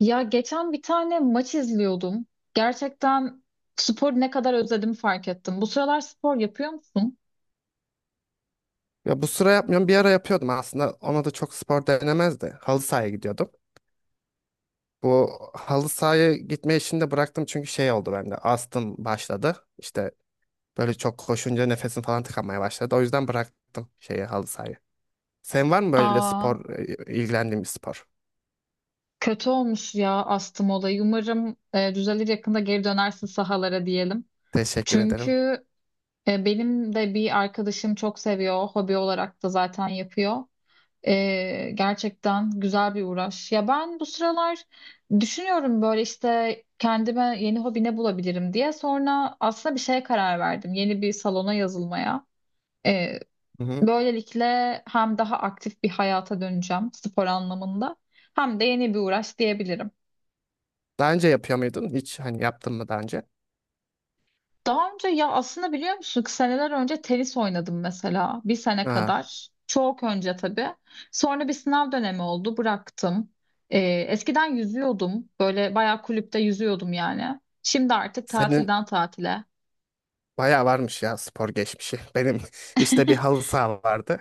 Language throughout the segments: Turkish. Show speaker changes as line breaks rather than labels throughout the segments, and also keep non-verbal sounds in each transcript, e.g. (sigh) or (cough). Ya geçen bir tane maç izliyordum. Gerçekten spor ne kadar özledim fark ettim. Bu sıralar spor yapıyor musun?
Ya bu sıra yapmıyorum. Bir ara yapıyordum aslında. Ona da çok spor denemezdi. Halı sahaya gidiyordum. Bu halı sahaya gitme işini de bıraktım çünkü şey oldu bende. Astım başladı. İşte böyle çok koşunca nefesim falan tıkanmaya başladı. O yüzden bıraktım şeyi halı sahayı. Sen var mı böyle
Aa,
spor, ilgilendiğin bir spor?
kötü olmuş ya astım olayı. Umarım düzelir yakında geri dönersin sahalara diyelim.
Teşekkür
Çünkü
ederim.
benim de bir arkadaşım çok seviyor. Hobi olarak da zaten yapıyor. Gerçekten güzel bir uğraş. Ya ben bu sıralar düşünüyorum böyle işte kendime yeni hobi ne bulabilirim diye. Sonra aslında bir şeye karar verdim. Yeni bir salona yazılmaya. Ee,
Hı hı.
Böylelikle hem daha aktif bir hayata döneceğim spor anlamında hem de yeni bir uğraş diyebilirim.
Daha önce yapıyor muydun? Hiç hani yaptın mı daha önce?
Daha önce ya aslında biliyor musun ki seneler önce tenis oynadım mesela bir sene
Aa,
kadar. Çok önce tabii. Sonra bir sınav dönemi oldu bıraktım. Ee, Eskiden yüzüyordum böyle bayağı kulüpte yüzüyordum yani. Şimdi artık
senin
tatilden tatile.
bayağı varmış ya spor geçmişi. Benim (laughs) işte bir
(laughs)
halı saha vardı.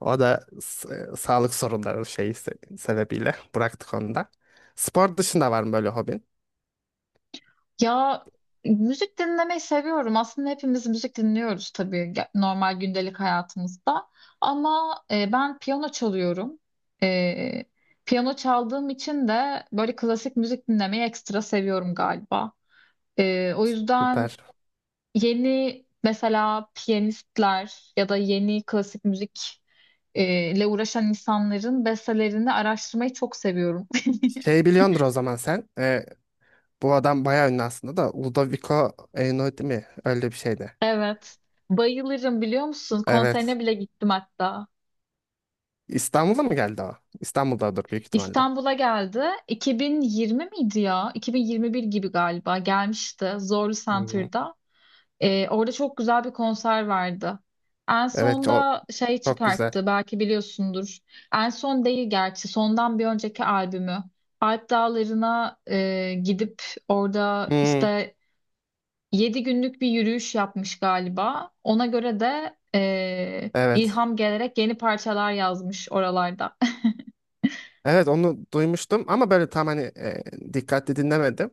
O da sağlık sorunları şeyi sebebiyle bıraktık onu da. Spor dışında var mı böyle hobin?
Ya müzik dinlemeyi seviyorum. Aslında hepimiz müzik dinliyoruz tabii normal gündelik hayatımızda. Ama ben piyano çalıyorum. E, Piyano çaldığım için de böyle klasik müzik dinlemeyi ekstra seviyorum galiba. O yüzden
Süper.
yeni mesela piyanistler ya da yeni klasik müzik ile uğraşan insanların bestelerini araştırmayı çok seviyorum. (laughs)
Şey biliyordur o zaman sen. Bu adam bayağı ünlü aslında da Ludovico Einaudi mi? Öyle bir şeydi.
Evet. Bayılırım biliyor musun? Konserine
Evet.
bile gittim hatta.
İstanbul'a mı geldi o? İstanbul'dadır büyük ihtimalle.
İstanbul'a geldi. 2020 miydi ya? 2021 gibi galiba gelmişti Zorlu
Hmm.
Center'da. Orada çok güzel bir konser vardı. En
Evet o
sonda şey
çok güzel.
çıkarttı belki biliyorsundur. En son değil gerçi sondan bir önceki albümü. Alp Dağları'na gidip orada
Hmm,
işte yedi günlük bir yürüyüş yapmış galiba. Ona göre de
evet.
ilham gelerek yeni parçalar yazmış oralarda. (laughs)
Evet onu duymuştum ama böyle tam hani dikkatli dinlemedim.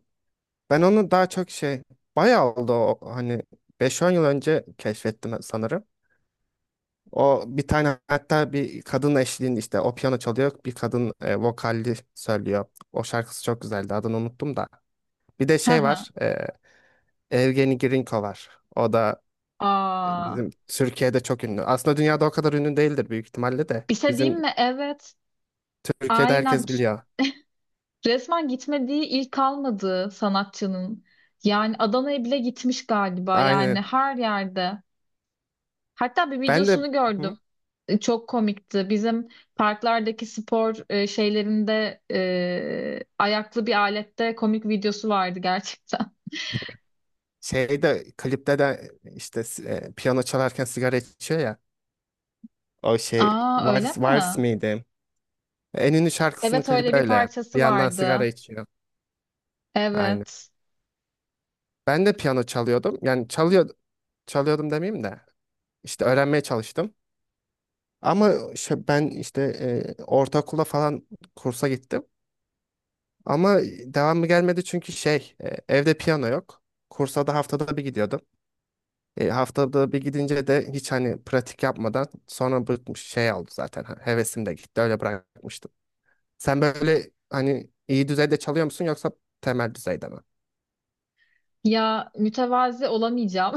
Ben onu daha çok şey bayağı oldu o, hani beş on yıl önce keşfettim sanırım. O bir tane hatta bir kadın eşliğinde işte o piyano çalıyor bir kadın vokalli söylüyor. O şarkısı çok güzeldi adını unuttum da. Bir de
Hı
şey
hı.
var Evgeni Grinko var. O da
Aa,
bizim Türkiye'de çok ünlü. Aslında dünyada o kadar ünlü değildir büyük ihtimalle de.
bir şey diyeyim
Bizim
mi? Evet.
Türkiye'de
Aynen.
herkes biliyor.
Resmen gitmediği il kalmadı sanatçının. Yani Adana'ya bile gitmiş galiba. Yani
Aynı
her yerde. Hatta bir
Ben de
videosunu gördüm.
Hı?
Çok komikti. Bizim parklardaki spor şeylerinde ayaklı bir alette komik videosu vardı gerçekten.
şeyde klipte de işte piyano çalarken sigara içiyor ya. O
(laughs)
şey
Aa öyle
Vals, Vals
mi?
miydi? En ünlü şarkısının
Evet öyle
klibi
bir
öyle. Bir
parçası
yandan sigara
vardı.
içiyor. Aynen.
Evet.
Ben de piyano çalıyordum. Yani çalıyor, çalıyordum demeyeyim de. İşte öğrenmeye çalıştım. Ama ben işte ortaokula falan kursa gittim. Ama devamı gelmedi çünkü şey evde piyano yok. Kursa da haftada bir gidiyordum. Haftada bir gidince de hiç hani pratik yapmadan sonra bıkmış şey oldu zaten. Ha, Hevesim de gitti öyle bırakmıştım. Sen böyle hani iyi düzeyde çalıyor musun yoksa temel düzeyde mi?
Ya mütevazi olamayacağım.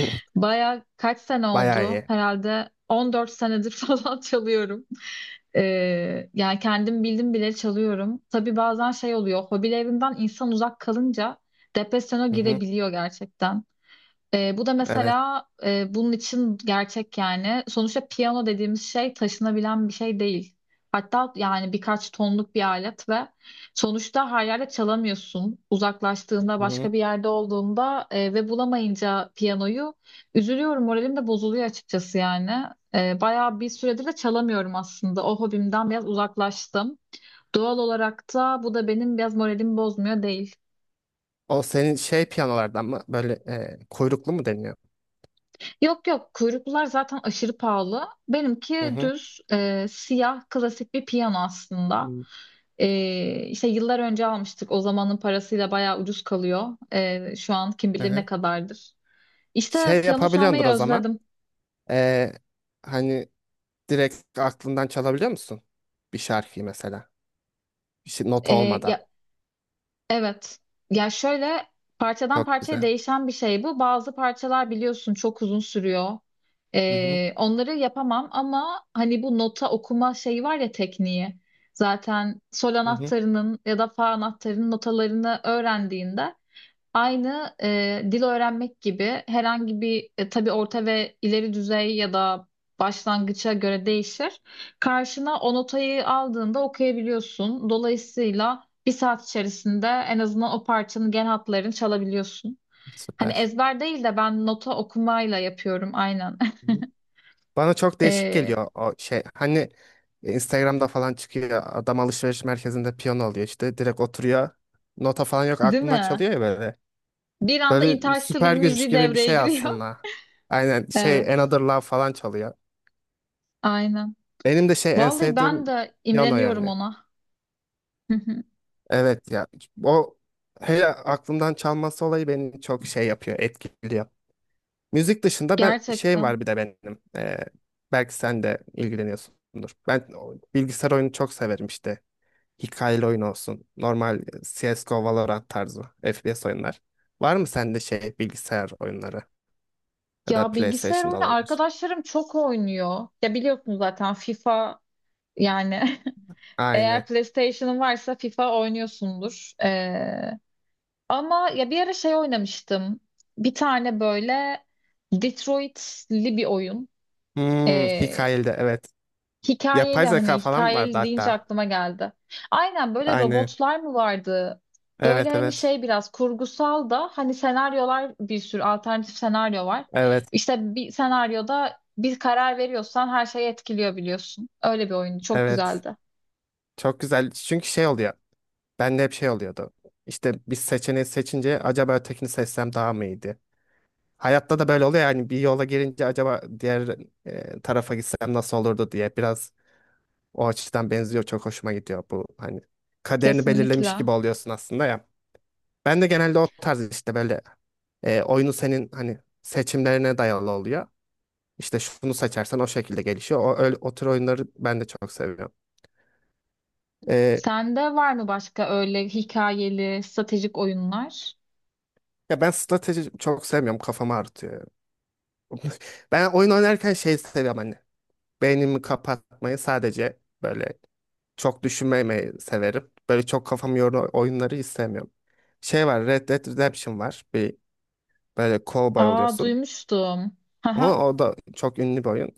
(laughs) Baya kaç sene
Bayağı
oldu?
iyi.
Herhalde 14 senedir (laughs) falan çalıyorum. Yani kendim bildim bile çalıyorum. Tabii bazen şey oluyor, hobilerinden insan uzak kalınca depresyona
Hı hı.
girebiliyor gerçekten. Bu da
Evet.
mesela bunun için gerçek yani. Sonuçta piyano dediğimiz şey taşınabilen bir şey değil. Hatta yani birkaç tonluk bir alet ve sonuçta her yerde çalamıyorsun. Uzaklaştığında
Hı hı.
başka bir yerde olduğunda ve bulamayınca piyanoyu üzülüyorum. Moralim de bozuluyor açıkçası yani. Bayağı bir süredir de çalamıyorum aslında. O hobimden biraz uzaklaştım. Doğal olarak da bu da benim biraz moralimi bozmuyor değil.
O senin şey piyanolardan mı böyle kuyruklu mu deniyor?
Yok yok kuyruklular zaten aşırı pahalı.
Hı
Benimki
hı.
düz siyah klasik bir piyano aslında. E, işte yıllar önce almıştık. O zamanın parasıyla bayağı ucuz kalıyor. Şu an kim
Hı
bilir ne
hı.
kadardır. İşte
Şey
piyano
yapabiliyordur
çalmayı
o zaman.
özledim.
E, hani Direkt aklından çalabiliyor musun? Bir şarkıyı mesela. Nota
E,
olmadan.
ya Evet. Ya şöyle parçadan
Çok
parçaya
güzel.
değişen bir şey bu. Bazı parçalar biliyorsun çok uzun sürüyor.
Hı hı.
Onları yapamam ama hani bu nota okuma şeyi var ya tekniği. Zaten sol
Hı hı.
anahtarının ya da fa anahtarının notalarını öğrendiğinde aynı dil öğrenmek gibi herhangi bir tabii orta ve ileri düzey ya da başlangıça göre değişir. Karşına o notayı aldığında okuyabiliyorsun. Dolayısıyla bir saat içerisinde en azından o parçanın genel hatlarını çalabiliyorsun. Hani
Süper.
ezber değil de ben nota okumayla yapıyorum aynen.
Hı
(laughs)
hı. Bana çok değişik
E,
geliyor o şey. Hani Instagram'da falan çıkıyor. Adam alışveriş merkezinde piyano alıyor işte. Direkt oturuyor. Nota falan yok.
Değil
Aklından
mi?
çalıyor ya böyle.
Bir anda
Böyle
Interstellar
süper güç
müziği
gibi bir
devreye
şey
giriyor.
aslında. Aynen
(laughs)
şey
Evet,
Another Love falan çalıyor.
aynen.
Benim de şey en
Vallahi
sevdiğim
ben de
piyano
imreniyorum
yani.
ona.
Evet ya o hele aklımdan çalması olayı beni çok şey yapıyor etkiliyor. Müzik
(laughs)
dışında ben şey
Gerçekten.
var bir de benim belki sen de ilgileniyorsundur. Ben o bilgisayar oyunu çok severim işte hikayeli oyun olsun normal CSGO Valorant tarzı FPS oyunlar. Var mı sende şey bilgisayar oyunları ya da
Ya bilgisayar
PlayStation'da
oyunu
olabilir?
arkadaşlarım çok oynuyor. Ya biliyorsun zaten FIFA yani (laughs) eğer
Aynı.
PlayStation'ın varsa FIFA oynuyorsundur. Ama ya bir ara şey oynamıştım. Bir tane böyle Detroit'li bir oyun.
Hmm,
Ee,
hikayeli de evet.
Hikayeli
Yapay
hani
zeka falan vardı
hikayeli deyince
hatta.
aklıma geldi. Aynen böyle
Aynı.
robotlar mı vardı? Böyle
Evet
hani
evet.
şey biraz kurgusal da hani senaryolar bir sürü alternatif senaryo var.
Evet
İşte bir senaryoda bir karar veriyorsan her şeyi etkiliyor biliyorsun. Öyle bir oyun çok
evet.
güzeldi.
Çok güzel. Çünkü şey oluyor. Bende hep şey oluyordu. İşte bir seçeneği seçince acaba ötekini seçsem daha mı iyiydi? Hayatta da böyle oluyor yani bir yola girince acaba diğer tarafa gitsem nasıl olurdu diye biraz o açıdan benziyor. Çok hoşuma gidiyor bu hani kaderini belirlemiş
Kesinlikle.
gibi oluyorsun aslında ya. Ben de genelde o tarz işte böyle oyunu senin hani seçimlerine dayalı oluyor. İşte şunu seçersen o şekilde gelişiyor. O, öyle, o tür oyunları ben de çok seviyorum. E,
Sende var mı başka öyle hikayeli stratejik oyunlar?
ya ben strateji çok sevmiyorum. Kafamı ağrıtıyor. Ben oyun oynarken şey seviyorum hani. Beynimi kapatmayı sadece böyle çok düşünmemeyi severim. Böyle çok kafamı yoran oyunları istemiyorum. Şey var Red Dead Redemption var. Bir böyle cowboy
Aa
oluyorsun.
duymuştum. (laughs)
Ama o da çok ünlü bir oyun.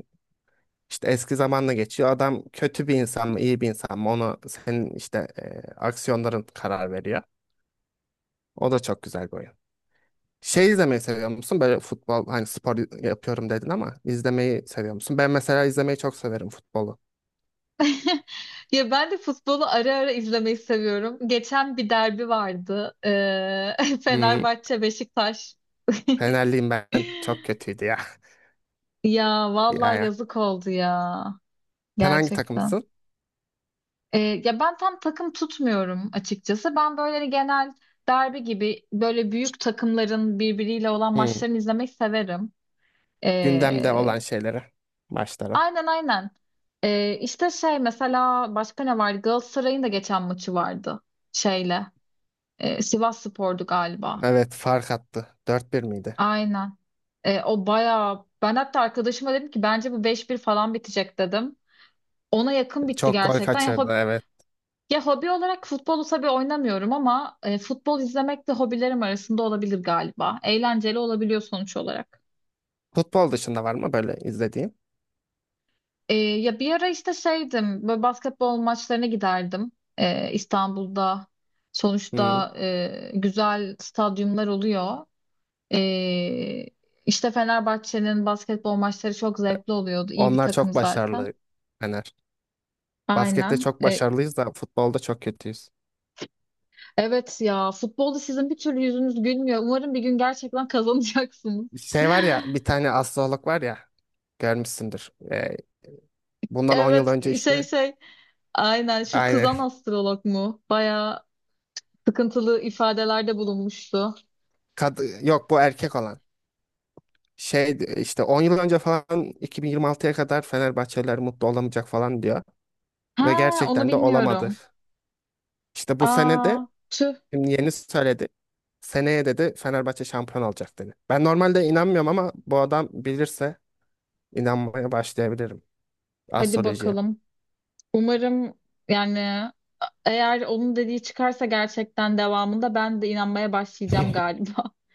İşte eski zamanla geçiyor. Adam kötü bir insan mı iyi bir insan mı onu senin işte aksiyonların karar veriyor. O da çok güzel bir oyun. Şey izlemeyi seviyor musun? Böyle futbol hani spor yapıyorum dedin ama izlemeyi seviyor musun? Ben mesela izlemeyi çok severim futbolu.
(laughs) Ya ben de futbolu ara ara izlemeyi seviyorum. Geçen bir derbi vardı. (laughs)
Hmm,
Fenerbahçe Beşiktaş. (laughs)
Fenerliyim ben. Çok kötüydü ya. (laughs)
Ya
Ya
vallahi
ya.
yazık oldu ya.
Sen hangi
Gerçekten.
takımsın?
Ya ben tam takım tutmuyorum açıkçası. Ben böyle hani genel derbi gibi böyle büyük takımların birbiriyle olan
Hmm,
maçlarını izlemeyi severim.
Gündemde
Ee,
olan şeyleri. Maçları.
aynen aynen. İşte şey mesela başka ne vardı? Galatasaray'ın da geçen maçı vardı şeyle. Sivas Spor'du galiba.
Evet fark attı. 4-1 miydi?
Aynen. O bayağı ben hatta arkadaşıma dedim ki bence bu 5-1 falan bitecek dedim. Ona yakın bitti
Çok gol
gerçekten.
kaçırdı evet.
Ya hobi olarak futbolu tabii oynamıyorum ama futbol izlemek de hobilerim arasında olabilir galiba. Eğlenceli olabiliyor sonuç olarak.
Futbol dışında var mı böyle izlediğin?
Ya bir ara işte şeydim böyle basketbol maçlarına giderdim. İstanbul'da
Hmm,
sonuçta güzel stadyumlar oluyor. Ee, işte Fenerbahçe'nin basketbol maçları çok zevkli oluyordu. İyi bir
Onlar
takım
çok
zaten.
başarılı Fener. Baskette
Aynen.
çok başarılıyız da futbolda çok kötüyüz.
Evet ya futbolda sizin bir türlü yüzünüz gülmüyor. Umarım bir gün gerçekten (laughs) kazanacaksınız.
Şey var ya bir tane astrolog var ya görmüşsündür. Bundan 10 yıl
Evet
önce
şey
işte
şey aynen şu
aynı.
kızan astrolog mu? Bayağı sıkıntılı ifadelerde bulunmuştu.
Yok, bu erkek olan. Şey işte 10 yıl önce falan 2026'ya kadar Fenerbahçeliler mutlu olamayacak falan diyor. Ve
Ha onu
gerçekten de olamadı.
bilmiyorum.
İşte bu sene
Aa
de
tüh
şimdi yeni söyledi. Seneye dedi Fenerbahçe şampiyon olacak dedi. Ben normalde inanmıyorum ama bu adam bilirse inanmaya başlayabilirim.
hadi
Astrolojiye.
bakalım. Umarım yani eğer onun dediği çıkarsa gerçekten devamında ben de inanmaya başlayacağım galiba. (laughs)